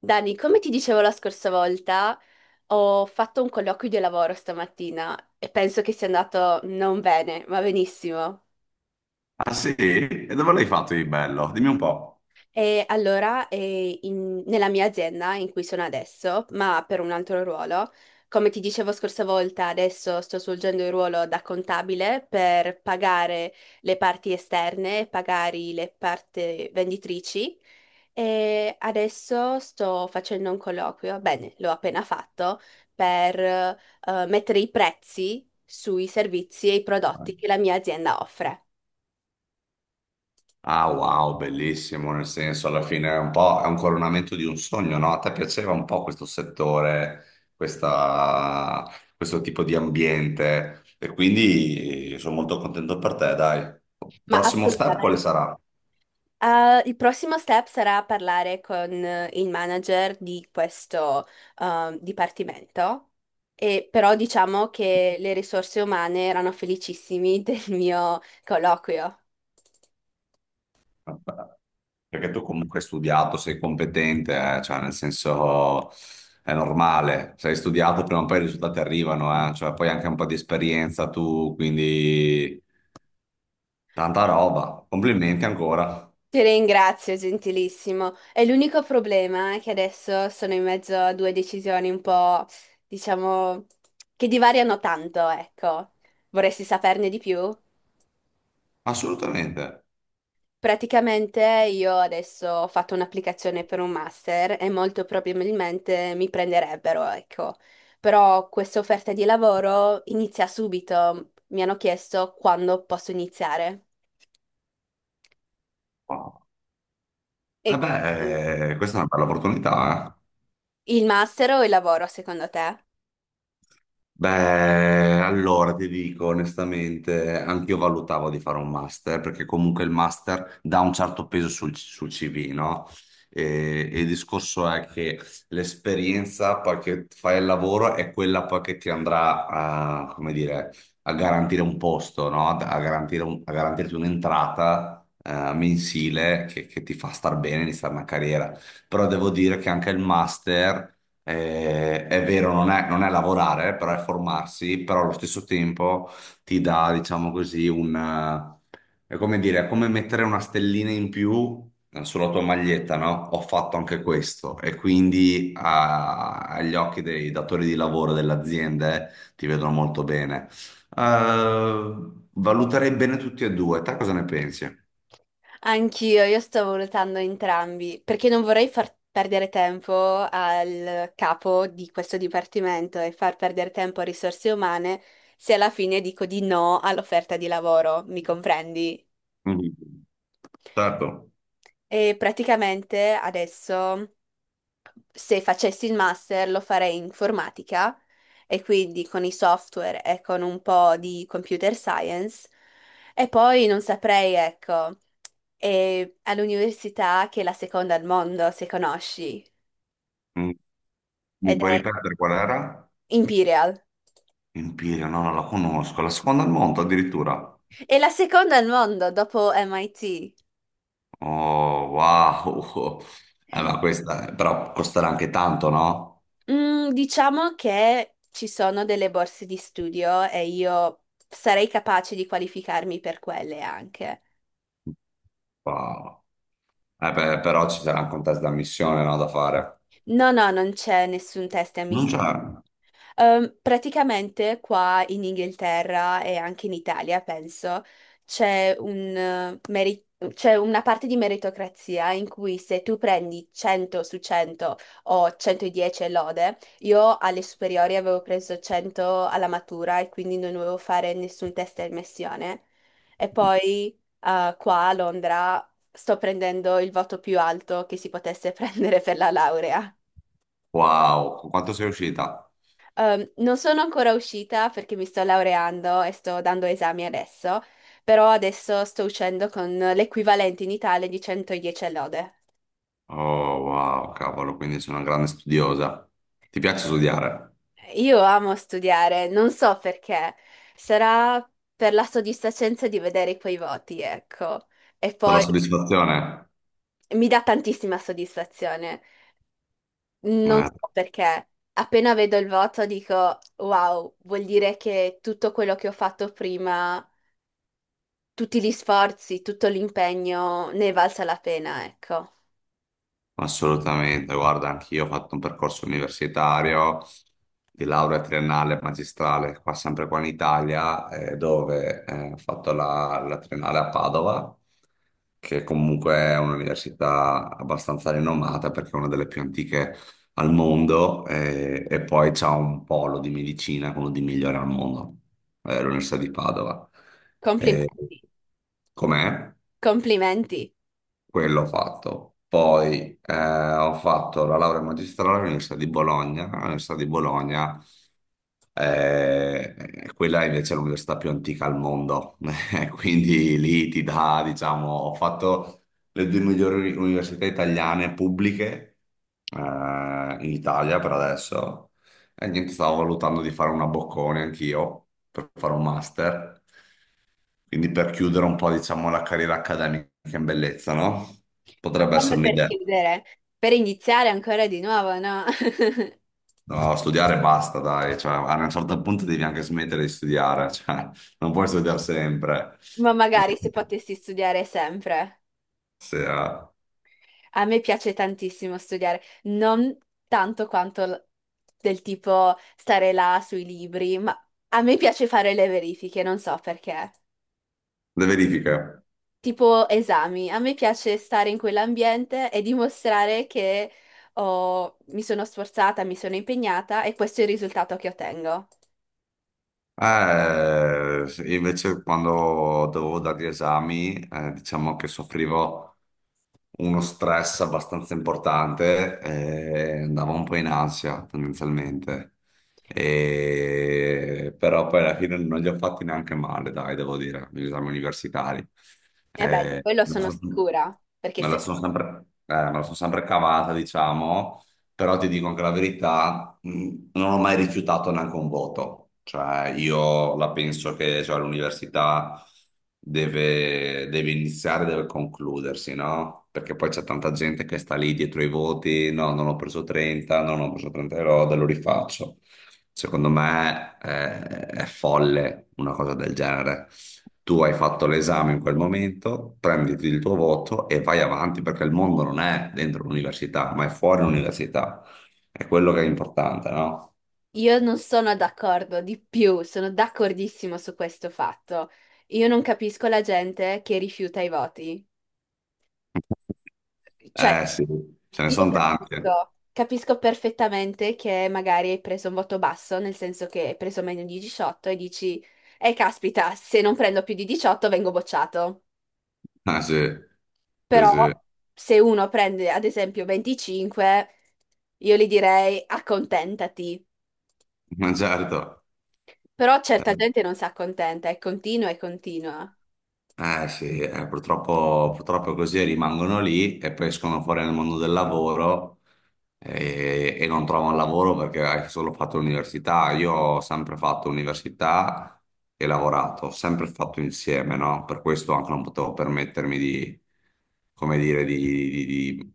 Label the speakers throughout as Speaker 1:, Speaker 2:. Speaker 1: Dani, come ti dicevo la scorsa volta, ho fatto un colloquio di lavoro stamattina e penso che sia andato non bene, ma benissimo.
Speaker 2: Ah sì? E dove l'hai fatto di bello? Dimmi un po'.
Speaker 1: E allora, nella mia azienda in cui sono adesso, ma per un altro ruolo, come ti dicevo scorsa volta, adesso sto svolgendo il ruolo da contabile per pagare le parti esterne, pagare le parti venditrici. E adesso sto facendo un colloquio, bene, l'ho appena fatto, per mettere i prezzi sui servizi e i prodotti che la mia azienda offre.
Speaker 2: Ah wow, bellissimo, nel senso alla fine è un coronamento di un sogno, no? A te piaceva un po' questo settore, questa- questo tipo di ambiente e quindi sono molto contento per te, dai.
Speaker 1: Ma
Speaker 2: Prossimo step quale
Speaker 1: assolutamente.
Speaker 2: sarà?
Speaker 1: Il prossimo step sarà parlare con il manager di questo dipartimento, e però diciamo che le risorse umane erano felicissimi del mio colloquio.
Speaker 2: Perché tu comunque hai studiato, sei competente, cioè nel senso è normale, se hai studiato prima o poi i risultati arrivano, cioè poi anche un po' di esperienza tu, quindi tanta roba, complimenti ancora,
Speaker 1: Ti ringrazio, gentilissimo. È l'unico problema che adesso sono in mezzo a due decisioni un po', diciamo, che divariano tanto, ecco. Vorresti saperne di più?
Speaker 2: assolutamente.
Speaker 1: Praticamente io adesso ho fatto un'applicazione per un master e molto probabilmente mi prenderebbero, ecco. Però questa offerta di lavoro inizia subito. Mi hanno chiesto quando posso iniziare. E quindi
Speaker 2: Vabbè, questa è una bella opportunità, eh.
Speaker 1: il master o il lavoro, secondo te?
Speaker 2: Beh, allora ti dico onestamente, anch'io valutavo di fare un master, perché comunque il master dà un certo peso sul CV, no? E il discorso è che l'esperienza poi che fai il lavoro è quella poi che ti andrà a, come dire, a garantire un posto, no? A garantire a garantirti un'entrata, mensile che ti fa star bene, iniziare una carriera. Però devo dire che anche il master, è vero, non è lavorare, però è formarsi, però allo stesso tempo ti dà, diciamo così, è come dire, è come mettere una stellina in più, sulla tua maglietta, no? Ho fatto anche questo e quindi agli occhi dei datori di lavoro delle aziende ti vedono molto bene. Eh, Valuterei bene tutti e due, te cosa ne pensi?
Speaker 1: Anch'io, io stavo valutando entrambi, perché non vorrei far perdere tempo al capo di questo dipartimento e far perdere tempo a risorse umane se alla fine dico di no all'offerta di lavoro, mi comprendi?
Speaker 2: Mhm. Certo.
Speaker 1: E praticamente adesso, se facessi il master lo farei in informatica e quindi con i software e con un po' di computer science e poi non saprei, ecco, è all'università che è la seconda al mondo, se conosci,
Speaker 2: Mm. Mi
Speaker 1: ed
Speaker 2: puoi
Speaker 1: è
Speaker 2: ripetere qual era?
Speaker 1: Imperial.
Speaker 2: Empirio, no, non la conosco. La seconda al mondo addirittura.
Speaker 1: È la seconda al mondo dopo MIT.
Speaker 2: Oh, wow. Ma questa però costerà anche tanto, no?
Speaker 1: Mm, diciamo che ci sono delle borse di studio e io sarei capace di qualificarmi per quelle anche.
Speaker 2: Wow. Beh, però ci sarà anche un test d'ammissione, no, da fare.
Speaker 1: No, no, non c'è nessun test
Speaker 2: Non
Speaker 1: ammissione.
Speaker 2: c'è.
Speaker 1: Praticamente qua in Inghilterra e anche in Italia, penso, c'è un, eh, meri- c'è una parte di meritocrazia in cui se tu prendi 100 su 100 o 110 e lode, io alle superiori avevo preso 100 alla matura e quindi non dovevo fare nessun test di ammissione. E poi qua a Londra sto prendendo il voto più alto che si potesse prendere per la laurea.
Speaker 2: Wow, con quanto sei uscita?
Speaker 1: Non sono ancora uscita perché mi sto laureando e sto dando esami adesso, però adesso sto uscendo con l'equivalente in Italia di 110 lode.
Speaker 2: Oh, wow, cavolo, quindi sei una grande studiosa. Ti piace studiare?
Speaker 1: Io amo studiare, non so perché, sarà per la soddisfacenza di vedere quei voti, ecco. E
Speaker 2: Per la
Speaker 1: poi
Speaker 2: soddisfazione?
Speaker 1: mi dà tantissima soddisfazione, non
Speaker 2: Eh.
Speaker 1: so perché. Appena vedo il voto dico, wow, vuol dire che tutto quello che ho fatto prima tutti gli sforzi, tutto l'impegno ne è valsa la pena, ecco.
Speaker 2: Assolutamente, guarda, anch'io ho fatto un percorso universitario di laurea triennale e magistrale, qua sempre qua in Italia, dove ho fatto la triennale a Padova, che comunque è un'università abbastanza rinomata perché è una delle più antiche al mondo, e poi c'è un polo di medicina, quello di migliore al mondo, l'Università di Padova. Eh,
Speaker 1: Complimenti,
Speaker 2: Com'è?
Speaker 1: complimenti.
Speaker 2: Quello ho fatto. Poi ho fatto la laurea magistrale all'Università di Bologna. All'Università di Bologna eh, quella è invece è l'università più antica al mondo, quindi lì ti dà, diciamo, ho fatto le due migliori università italiane pubbliche, in Italia per adesso e niente, stavo valutando di fare una boccone anch'io per fare un master, quindi per chiudere un po', diciamo, la carriera accademica in bellezza, no?
Speaker 1: Ma
Speaker 2: Potrebbe essere
Speaker 1: come per
Speaker 2: un'idea.
Speaker 1: chiudere? Per iniziare ancora di nuovo, no?
Speaker 2: No, studiare basta, dai, cioè, a un certo punto devi anche smettere di studiare, cioè, non puoi studiare sempre.
Speaker 1: Ma magari se potessi studiare sempre.
Speaker 2: Se,
Speaker 1: A me piace tantissimo studiare, non tanto quanto del tipo stare là sui libri, ma a me piace fare le verifiche, non so perché.
Speaker 2: le verifiche.
Speaker 1: Tipo esami. A me piace stare in quell'ambiente e dimostrare che mi sono sforzata, mi sono impegnata e questo è il risultato che ottengo.
Speaker 2: Eh, Invece quando dovevo dare gli esami, diciamo che soffrivo uno stress abbastanza importante e andavo un po' in ansia tendenzialmente. Però poi alla fine non li ho fatti neanche male, dai, devo dire, gli esami universitari.
Speaker 1: E beh, di
Speaker 2: Eh,
Speaker 1: quello
Speaker 2: me la
Speaker 1: sono
Speaker 2: sono
Speaker 1: sicura, perché
Speaker 2: me la
Speaker 1: se
Speaker 2: sono
Speaker 1: no,
Speaker 2: sempre cavata, diciamo però ti dico anche la verità, non ho mai rifiutato neanche un voto, cioè io la penso che cioè, l'università deve iniziare, deve concludersi, no? Perché poi c'è tanta gente che sta lì dietro i voti, no, non ho preso 30, no, non ho preso 30 euro, lo rifaccio. Secondo me è folle una cosa del genere. Tu hai fatto l'esame in quel momento, prenditi il tuo voto e vai avanti perché il mondo non è dentro l'università, ma è fuori l'università. È quello che è importante, no?
Speaker 1: io non sono d'accordo di più, sono d'accordissimo su questo fatto. Io non capisco la gente che rifiuta i voti. Cioè,
Speaker 2: Eh sì, ce ne
Speaker 1: io
Speaker 2: sono tanti.
Speaker 1: capisco, capisco perfettamente che magari hai preso un voto basso, nel senso che hai preso meno di 18 e dici, caspita, se non prendo più di 18 vengo bocciato.
Speaker 2: Ah sì, sì,
Speaker 1: Però
Speaker 2: sì,
Speaker 1: se uno prende ad esempio 25, io gli direi accontentati.
Speaker 2: ma certo.
Speaker 1: Però certa
Speaker 2: Eh.
Speaker 1: gente non si accontenta e continua e continua.
Speaker 2: Eh sì, purtroppo, purtroppo così rimangono lì e poi escono fuori nel mondo del lavoro e non trovano lavoro perché hai solo fatto l'università. Io ho sempre fatto università e lavorato, ho sempre fatto insieme, no? Per questo anche non potevo permettermi come dire, di- di-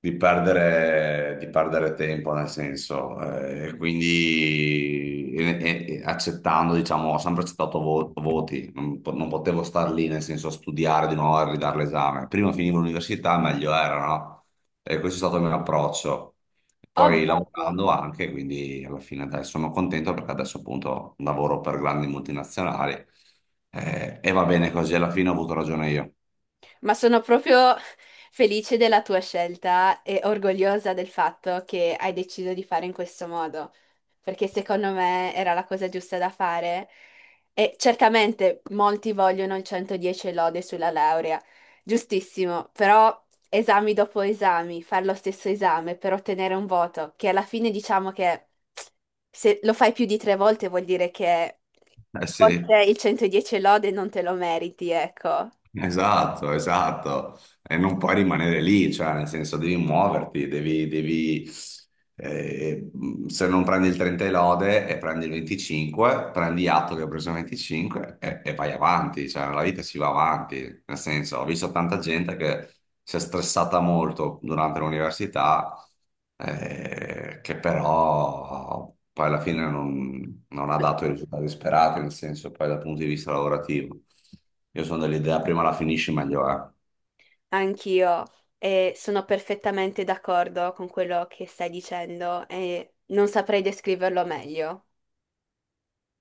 Speaker 2: di perdere tempo, nel senso, quindi e accettando, diciamo, ho sempre accettato voti, non potevo star lì, nel senso, a studiare di nuovo e ridare l'esame. Prima finivo l'università, meglio era, no? E questo è stato il mio approccio. Poi
Speaker 1: Ovvio.
Speaker 2: lavorando anche, quindi alla fine adesso sono contento perché adesso appunto lavoro per grandi multinazionali, e va bene così, alla fine ho avuto ragione io.
Speaker 1: Ma sono proprio felice della tua scelta e orgogliosa del fatto che hai deciso di fare in questo modo, perché secondo me era la cosa giusta da fare. E certamente molti vogliono il 110 e lode sulla laurea, giustissimo, però esami dopo esami, fare lo stesso esame per ottenere un voto, che alla fine diciamo che se lo fai più di 3 volte vuol dire che
Speaker 2: Eh sì,
Speaker 1: forse il 110 e lode non te lo meriti, ecco.
Speaker 2: esatto, esatto. E non puoi rimanere lì, cioè nel senso devi muoverti, devi, eh, se non prendi il 30 e lode e prendi il 25, prendi atto che hai preso il 25 e vai avanti, cioè la vita si va avanti, nel senso ho visto tanta gente che si è stressata molto durante l'università, che però poi alla fine non ha dato i risultati sperati, nel senso poi dal punto di vista lavorativo. Io sono dell'idea prima la finisci meglio è.
Speaker 1: Anch'io e sono perfettamente d'accordo con quello che stai dicendo e non saprei descriverlo meglio.